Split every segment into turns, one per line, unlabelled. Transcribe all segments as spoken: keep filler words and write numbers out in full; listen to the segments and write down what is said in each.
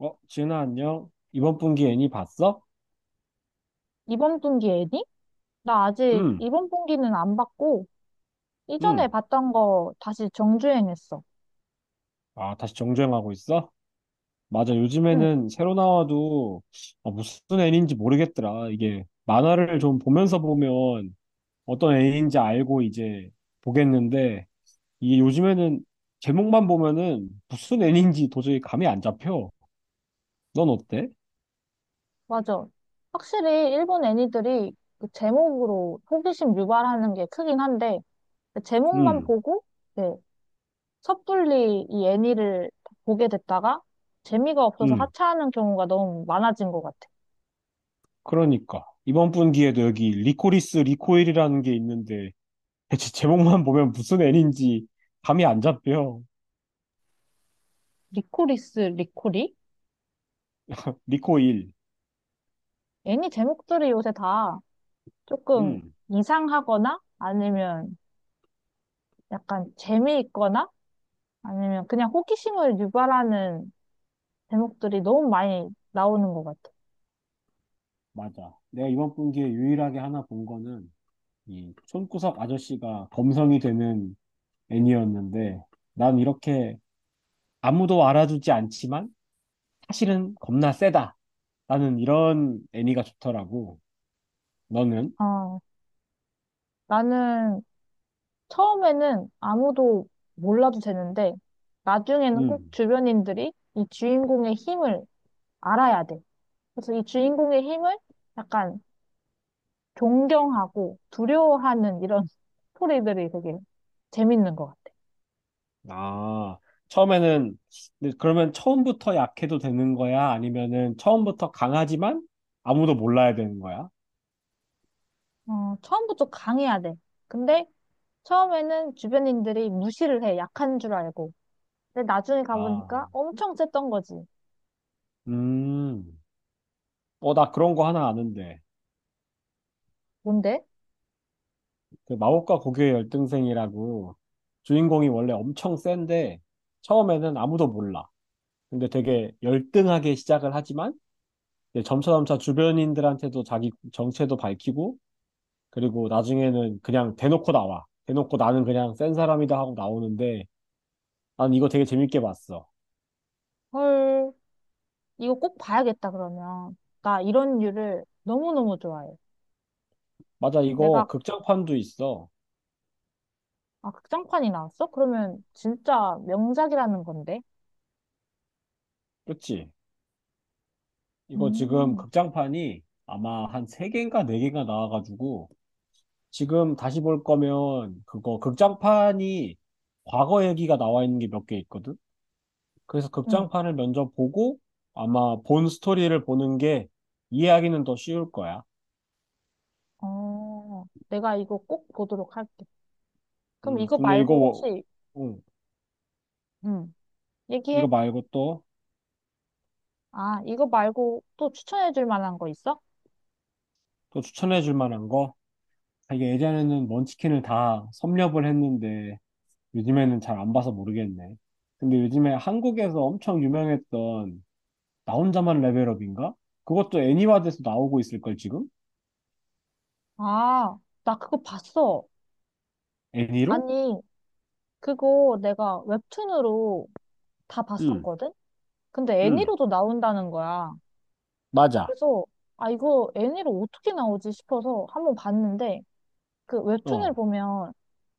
어, 지은아, 안녕. 이번 분기 애니 봤어?
이번 분기 애니? 나 아직
응,
이번 분기는 안 봤고,
응.
이전에 봤던 거 다시 정주행했어.
아, 다시 정주행하고 있어? 맞아,
응,
요즘에는 새로 나와도 어, 무슨 애니인지 모르겠더라. 이게 만화를 좀 보면서 보면 어떤 애니인지 알고 이제 보겠는데, 이게 요즘에는 제목만 보면은 무슨 애니인지 도저히 감이 안 잡혀. 넌 어때?
맞아. 확실히 일본 애니들이 그 제목으로 호기심 유발하는 게 크긴 한데, 그 제목만
응,
보고, 네, 섣불리 이 애니를 보게 됐다가, 재미가 없어서
응.
하차하는 경우가 너무 많아진 것 같아.
그러니까. 이번 분기에도 여기 리코리스 리코일이라는 게 있는데, 대체 제목만 보면 무슨 애니인지 감이 안 잡혀.
리코리스 리코리?
리코일.
애니 제목들이 요새 다 조금
음.
이상하거나 아니면 약간 재미있거나 아니면 그냥 호기심을 유발하는 제목들이 너무 많이 나오는 것 같아.
맞아, 내가 이번 분기에 유일하게 하나 본 거는 이 손구석 아저씨가 범성이 되는 애니였는데, 난 이렇게 아무도 알아주지 않지만 사실은 겁나 세다. 나는 이런 애니가 좋더라고. 너는?
아, 나는 처음에는 아무도 몰라도 되는데 나중에는 꼭
음.
주변인들이 이 주인공의 힘을 알아야 돼. 그래서 이 주인공의 힘을 약간 존경하고 두려워하는 이런 스토리들이 되게 재밌는 것 같아.
아, 처음에는 근데 그러면 처음부터 약해도 되는 거야? 아니면은 처음부터 강하지만 아무도 몰라야 되는 거야?
어, 처음부터 강해야 돼. 근데 처음에는 주변인들이 무시를 해. 약한 줄 알고. 근데 나중에
아.
가보니까 엄청 셌던 거지.
음, 어, 나 그런 거 하나 아는데.
뭔데?
그 마법과 고교의 열등생이라고, 주인공이 원래 엄청 센데 처음에는 아무도 몰라. 근데 되게 열등하게 시작을 하지만 이제 점차점차 주변인들한테도 자기 정체도 밝히고, 그리고 나중에는 그냥 대놓고 나와. 대놓고 나는 그냥 센 사람이다 하고 나오는데, 난 이거 되게 재밌게 봤어.
헐, 이거 꼭 봐야겠다, 그러면. 나 이런 류를 너무너무 좋아해.
맞아,
내가,
이거 극장판도 있어.
아, 극장판이 나왔어? 그러면 진짜 명작이라는 건데?
그치? 이거 지금
음,
극장판이 아마 한 세개인가네개인가 나와가지고, 지금 다시 볼 거면 그거 극장판이 과거 얘기가 나와 있는 게 몇 개 있거든. 그래서
응.
극장판을 먼저 보고 아마 본 스토리를 보는 게 이해하기는 더 쉬울 거야.
어, 내가 이거 꼭 보도록 할게. 그럼
음,
이거
근데
말고
이거
혹시,
음,
응,
이거
얘기해.
말고 또
아, 이거 말고 또 추천해 줄 만한 거 있어?
또 추천해 줄 만한 거? 아, 이게 예전에는 먼치킨을 다 섭렵을 했는데 요즘에는 잘 안 봐서 모르겠네. 근데 요즘에 한국에서 엄청 유명했던 나 혼자만 레벨업인가? 그것도 애니화돼서 나오고 있을걸, 지금?
아, 나 그거 봤어.
애니로?
아니, 그거 내가 웹툰으로 다
응.
봤었거든? 근데
응,
애니로도 나온다는 거야.
맞아.
그래서, 아, 이거 애니로 어떻게 나오지 싶어서 한번 봤는데, 그 웹툰을
어,
보면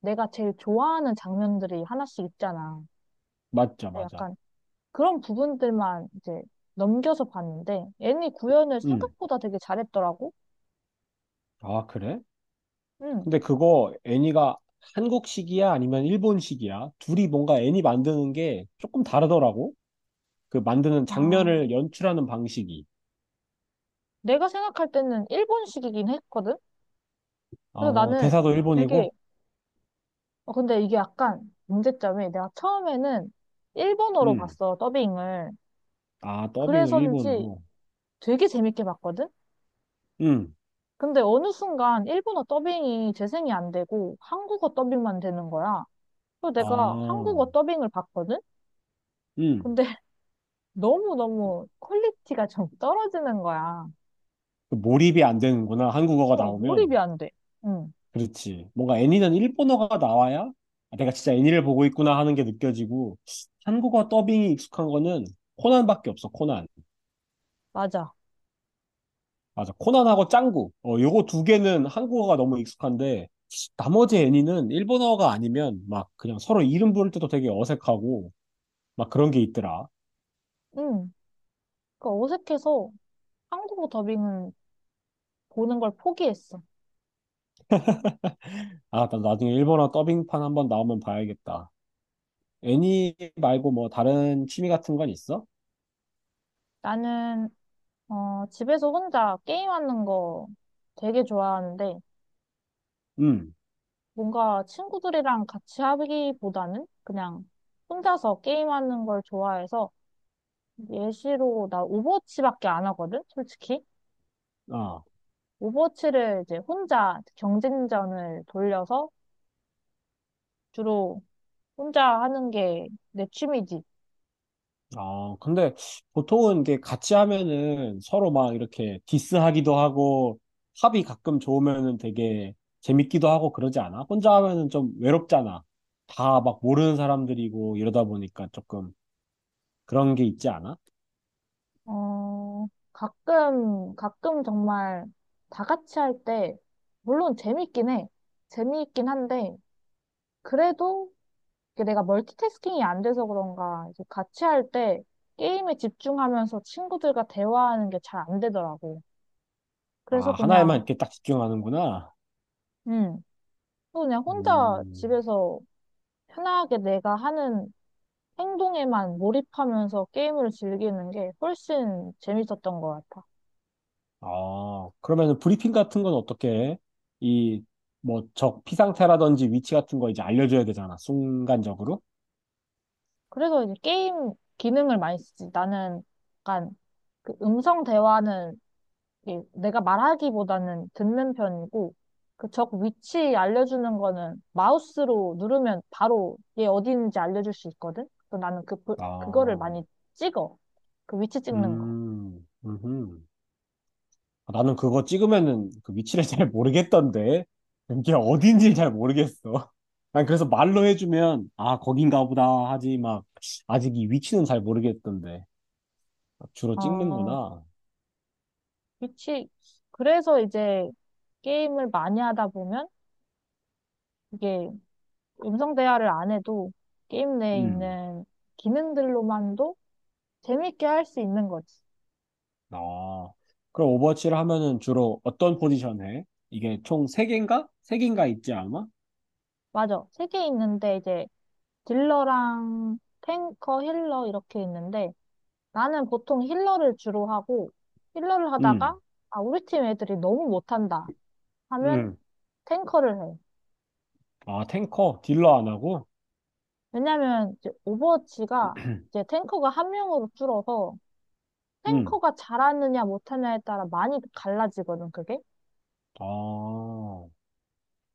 내가 제일 좋아하는 장면들이 하나씩 있잖아.
맞죠,
근데
맞아.
약간 그런 부분들만 이제 넘겨서 봤는데, 애니 구현을
응.
생각보다 되게 잘했더라고.
아, 그래?
응.
근데 그거 애니가 한국식이야? 아니면 일본식이야? 둘이 뭔가 애니 만드는 게 조금 다르더라고. 그 만드는
아,
장면을 연출하는 방식이.
내가 생각할 때는 일본식이긴 했거든? 그래서
어,
나는
대사도
되게,
일본이고?
어, 근데 이게 약간 문제점이 내가 처음에는 일본어로
응.
봤어, 더빙을.
아, 더빙을
그래서인지
일본으로.
되게 재밌게 봤거든?
응.
근데 어느 순간 일본어 더빙이 재생이 안 되고 한국어 더빙만 되는 거야. 그래서 내가 한국어
아,
더빙을 봤거든?
응.
근데 너무너무 퀄리티가 좀 떨어지는 거야.
그 몰입이 안 되는구나, 한국어가
어,
나오면.
몰입이 안 돼. 응,
그렇지. 뭔가 애니는 일본어가 나와야, 아, 내가 진짜 애니를 보고 있구나 하는 게 느껴지고, 한국어 더빙이 익숙한 거는 코난밖에 없어, 코난.
맞아.
맞아, 코난하고 짱구. 어, 요거 두 개는 한국어가 너무 익숙한데 나머지 애니는 일본어가 아니면 막 그냥 서로 이름 부를 때도 되게 어색하고 막 그런 게 있더라.
응. 그 어색해서 한국어 더빙은 보는 걸 포기했어.
아, 나 나중에 일본어 더빙판 한번 나오면 봐야겠다. 애니 말고 뭐 다른 취미 같은 건 있어?
나는, 어, 집에서 혼자 게임하는 거 되게 좋아하는데,
응.
뭔가 친구들이랑 같이 하기보다는 그냥 혼자서 게임하는 걸 좋아해서 예시로 나 오버워치밖에 안 하거든, 솔직히.
아.
오버워치를 이제 혼자 경쟁전을 돌려서 주로 혼자 하는 게 내 취미지.
아, 근데 보통은 이게 같이 하면은 서로 막 이렇게 디스하기도 하고 합이 가끔 좋으면은 되게 재밌기도 하고 그러지 않아? 혼자 하면은 좀 외롭잖아. 다 막 모르는 사람들이고 이러다 보니까 조금 그런 게 있지 않아?
어, 가끔, 가끔 정말 다 같이 할 때, 물론 재밌긴 해. 재미있긴 한데, 그래도 이게 내가 멀티태스킹이 안 돼서 그런가, 이제 같이 할 때 게임에 집중하면서 친구들과 대화하는 게 잘 안 되더라고. 그래서
아, 하나에만
그냥,
이렇게 딱 집중하는구나.
음, 그냥 혼자
음,
집에서 편하게 내가 하는 행동에만 몰입하면서 게임을 즐기는 게 훨씬 재밌었던 것 같아.
아, 그러면은 브리핑 같은 건 어떻게 해? 이, 뭐, 적 피상태라든지 위치 같은 거 이제 알려줘야 되잖아, 순간적으로.
그래서 이제 게임 기능을 많이 쓰지. 나는 약간 그 음성 대화는 예, 내가 말하기보다는 듣는 편이고, 그 적 위치 알려주는 거는 마우스로 누르면 바로 얘 어디 있는지 알려줄 수 있거든? 그래서 나는 그, 부- 그거를
아,
많이 찍어. 그 위치 찍는 거.
음, 음. 아, 나는 그거 찍으면은 그 위치를 잘 모르겠던데. 이게 어딘지 잘 모르겠어. 난 그래서 말로 해주면, 아, 거긴가 보다 하지, 막, 아직 이 위치는 잘 모르겠던데. 주로
어,
찍는구나.
위치. 그래서 이제 게임을 많이 하다 보면 이게 음성 대화를 안 해도 게임 내에
음.
있는 기능들로만도 재밌게 할 수 있는 거지.
아. 그럼 오버워치를 하면은 주로 어떤 포지션 해? 이게 총 세개인가세개인가 있지, 아마?
맞아. 세 개 있는데 이제 딜러랑 탱커, 힐러 이렇게 있는데 나는 보통 힐러를 주로 하고 힐러를
음.
하다가 아, 우리 팀 애들이 너무 못한다 하면
음.
탱커를 해.
아, 탱커, 딜러 안 하고?
왜냐면 이제 오버워치가 이제 탱커가 한 명으로 줄어서
음.
탱커가 잘하느냐 못하냐에 따라 많이 갈라지거든, 그게.
아.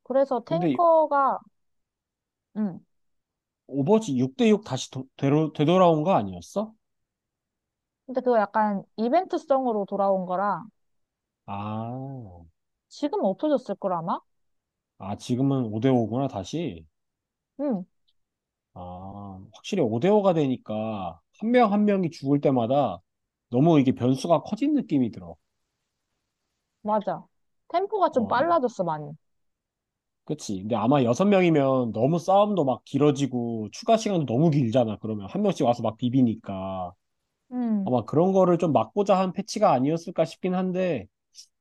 그래서
근데
탱커가 음.
오버워치 육 대육 다시 도, 되로, 되돌아온 거 아니었어?
근데 그거 약간 이벤트성으로 돌아온 거라
아,
지금 없어졌을 걸 아마?
아, 지금은 오 대오구나, 다시.
음.
아, 확실히 오 대오가 되니까 한 명 한 명이 죽을 때마다 너무 이게 변수가 커진 느낌이 들어.
맞아. 템포가 좀
어, 이-
빨라졌어, 많이.
그치. 근데 아마 여섯 명이면 너무 싸움도 막 길어지고 추가 시간도 너무 길잖아. 그러면 한 명씩 와서 막 비비니까.
음.
아마 그런 거를 좀 막고자 한 패치가 아니었을까 싶긴 한데,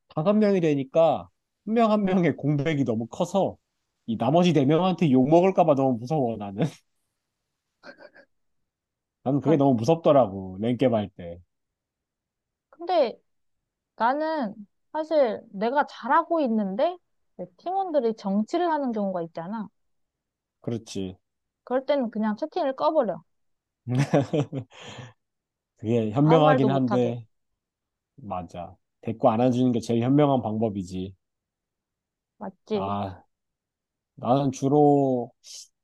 다섯 명이 되니까 한 명 한 명의 공백이 너무 커서 이 나머지 네 명한테 욕 먹을까 봐 너무 무서워, 나는. 나는 그게
그러니까
너무 무섭더라고, 랭겜 할 때.
근데 나는 사실 내가 잘하고 있는데 내 팀원들이 정치를 하는 경우가 있잖아.
그렇지.
그럴 때는 그냥 채팅을 꺼버려.
그게
아무 말도
현명하긴
못하게.
한데, 맞아. 데리고 안아주는 게 제일 현명한 방법이지.
맞지?
아, 나는 주로,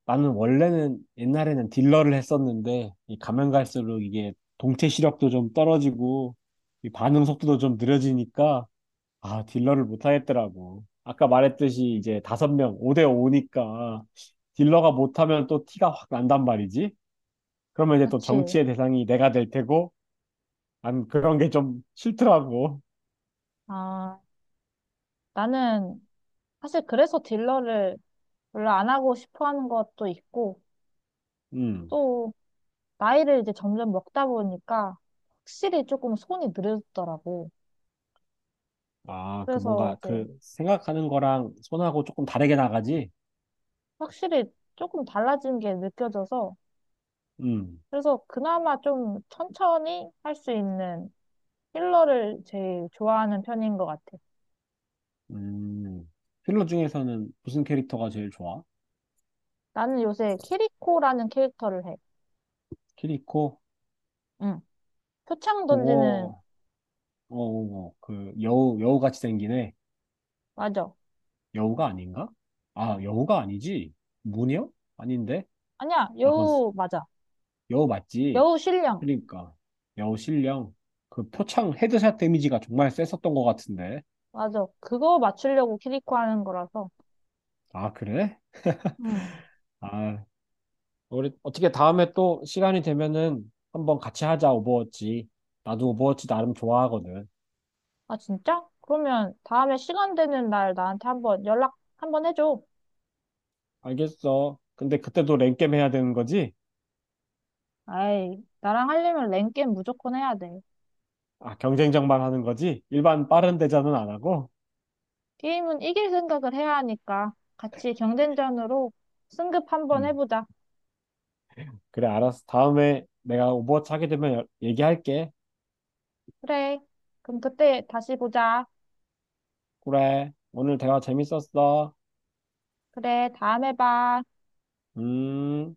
나는 원래는 옛날에는 딜러를 했었는데, 이 가면 갈수록 이게 동체 시력도 좀 떨어지고, 이 반응 속도도 좀 느려지니까, 아, 딜러를 못 하겠더라고. 아까 말했듯이 이제 다섯 명, 오 대 오니까, 딜러가 못하면 또 티가 확 난단 말이지. 그러면 이제 또
그치?
정치의 대상이 내가 될 테고, 난 그런 게 좀 싫더라고.
아, 나는 사실 그래서 딜러를 별로 안 하고 싶어 하는 것도 있고,
음.
또 나이를 이제 점점 먹다 보니까 확실히 조금 손이 느려졌더라고.
아, 그
그래서
뭔가
이제
그 생각하는 거랑 손하고 조금 다르게 나가지?
확실히 조금 달라진 게 느껴져서,
음.
그래서 그나마 좀 천천히 할 수 있는 힐러를 제일 좋아하는 편인 것 같아.
음. 필러 중에서는 무슨 캐릭터가 제일 좋아?
나는 요새 키리코라는 캐릭터를 해.
키리코?
응. 표창 던지는,
그거, 어, 어, 어, 그 여우, 여우같이 생기네.
맞아.
여우가 아닌가? 아, 여우가 아니지. 무녀? 아닌데?
아니야,
아, 그건 스-
여우, 맞아.
여우 맞지.
여우 신령.
그러니까. 여우 신령. 그 표창 헤드샷 데미지가 정말 셌었던 것 같은데.
맞아. 그거 맞추려고 키리코 하는 거라서.
아, 그래?
응.
아, 우리 어떻게 다음에 또 시간이 되면은 한번 같이 하자, 오버워치. 나도 오버워치 나름 좋아하거든.
아, 진짜? 그러면 다음에 시간 되는 날 나한테 한번 연락 한번 해줘.
알겠어. 근데 그때도 랭겜 해야 되는 거지?
아이, 나랑 하려면 랭게임 무조건 해야 돼.
아, 경쟁전만 하는 거지? 일반 빠른 대전은 안 하고?
게임은 이길 생각을 해야 하니까 같이 경쟁전으로 승급 한번
음.
해보자.
그래, 알았어. 다음에 내가 오버워치 하게 되면 여- 얘기할게.
그래. 그럼 그때 다시 보자.
그래. 오늘 대화 재밌었어.
그래, 다음에 봐.
음.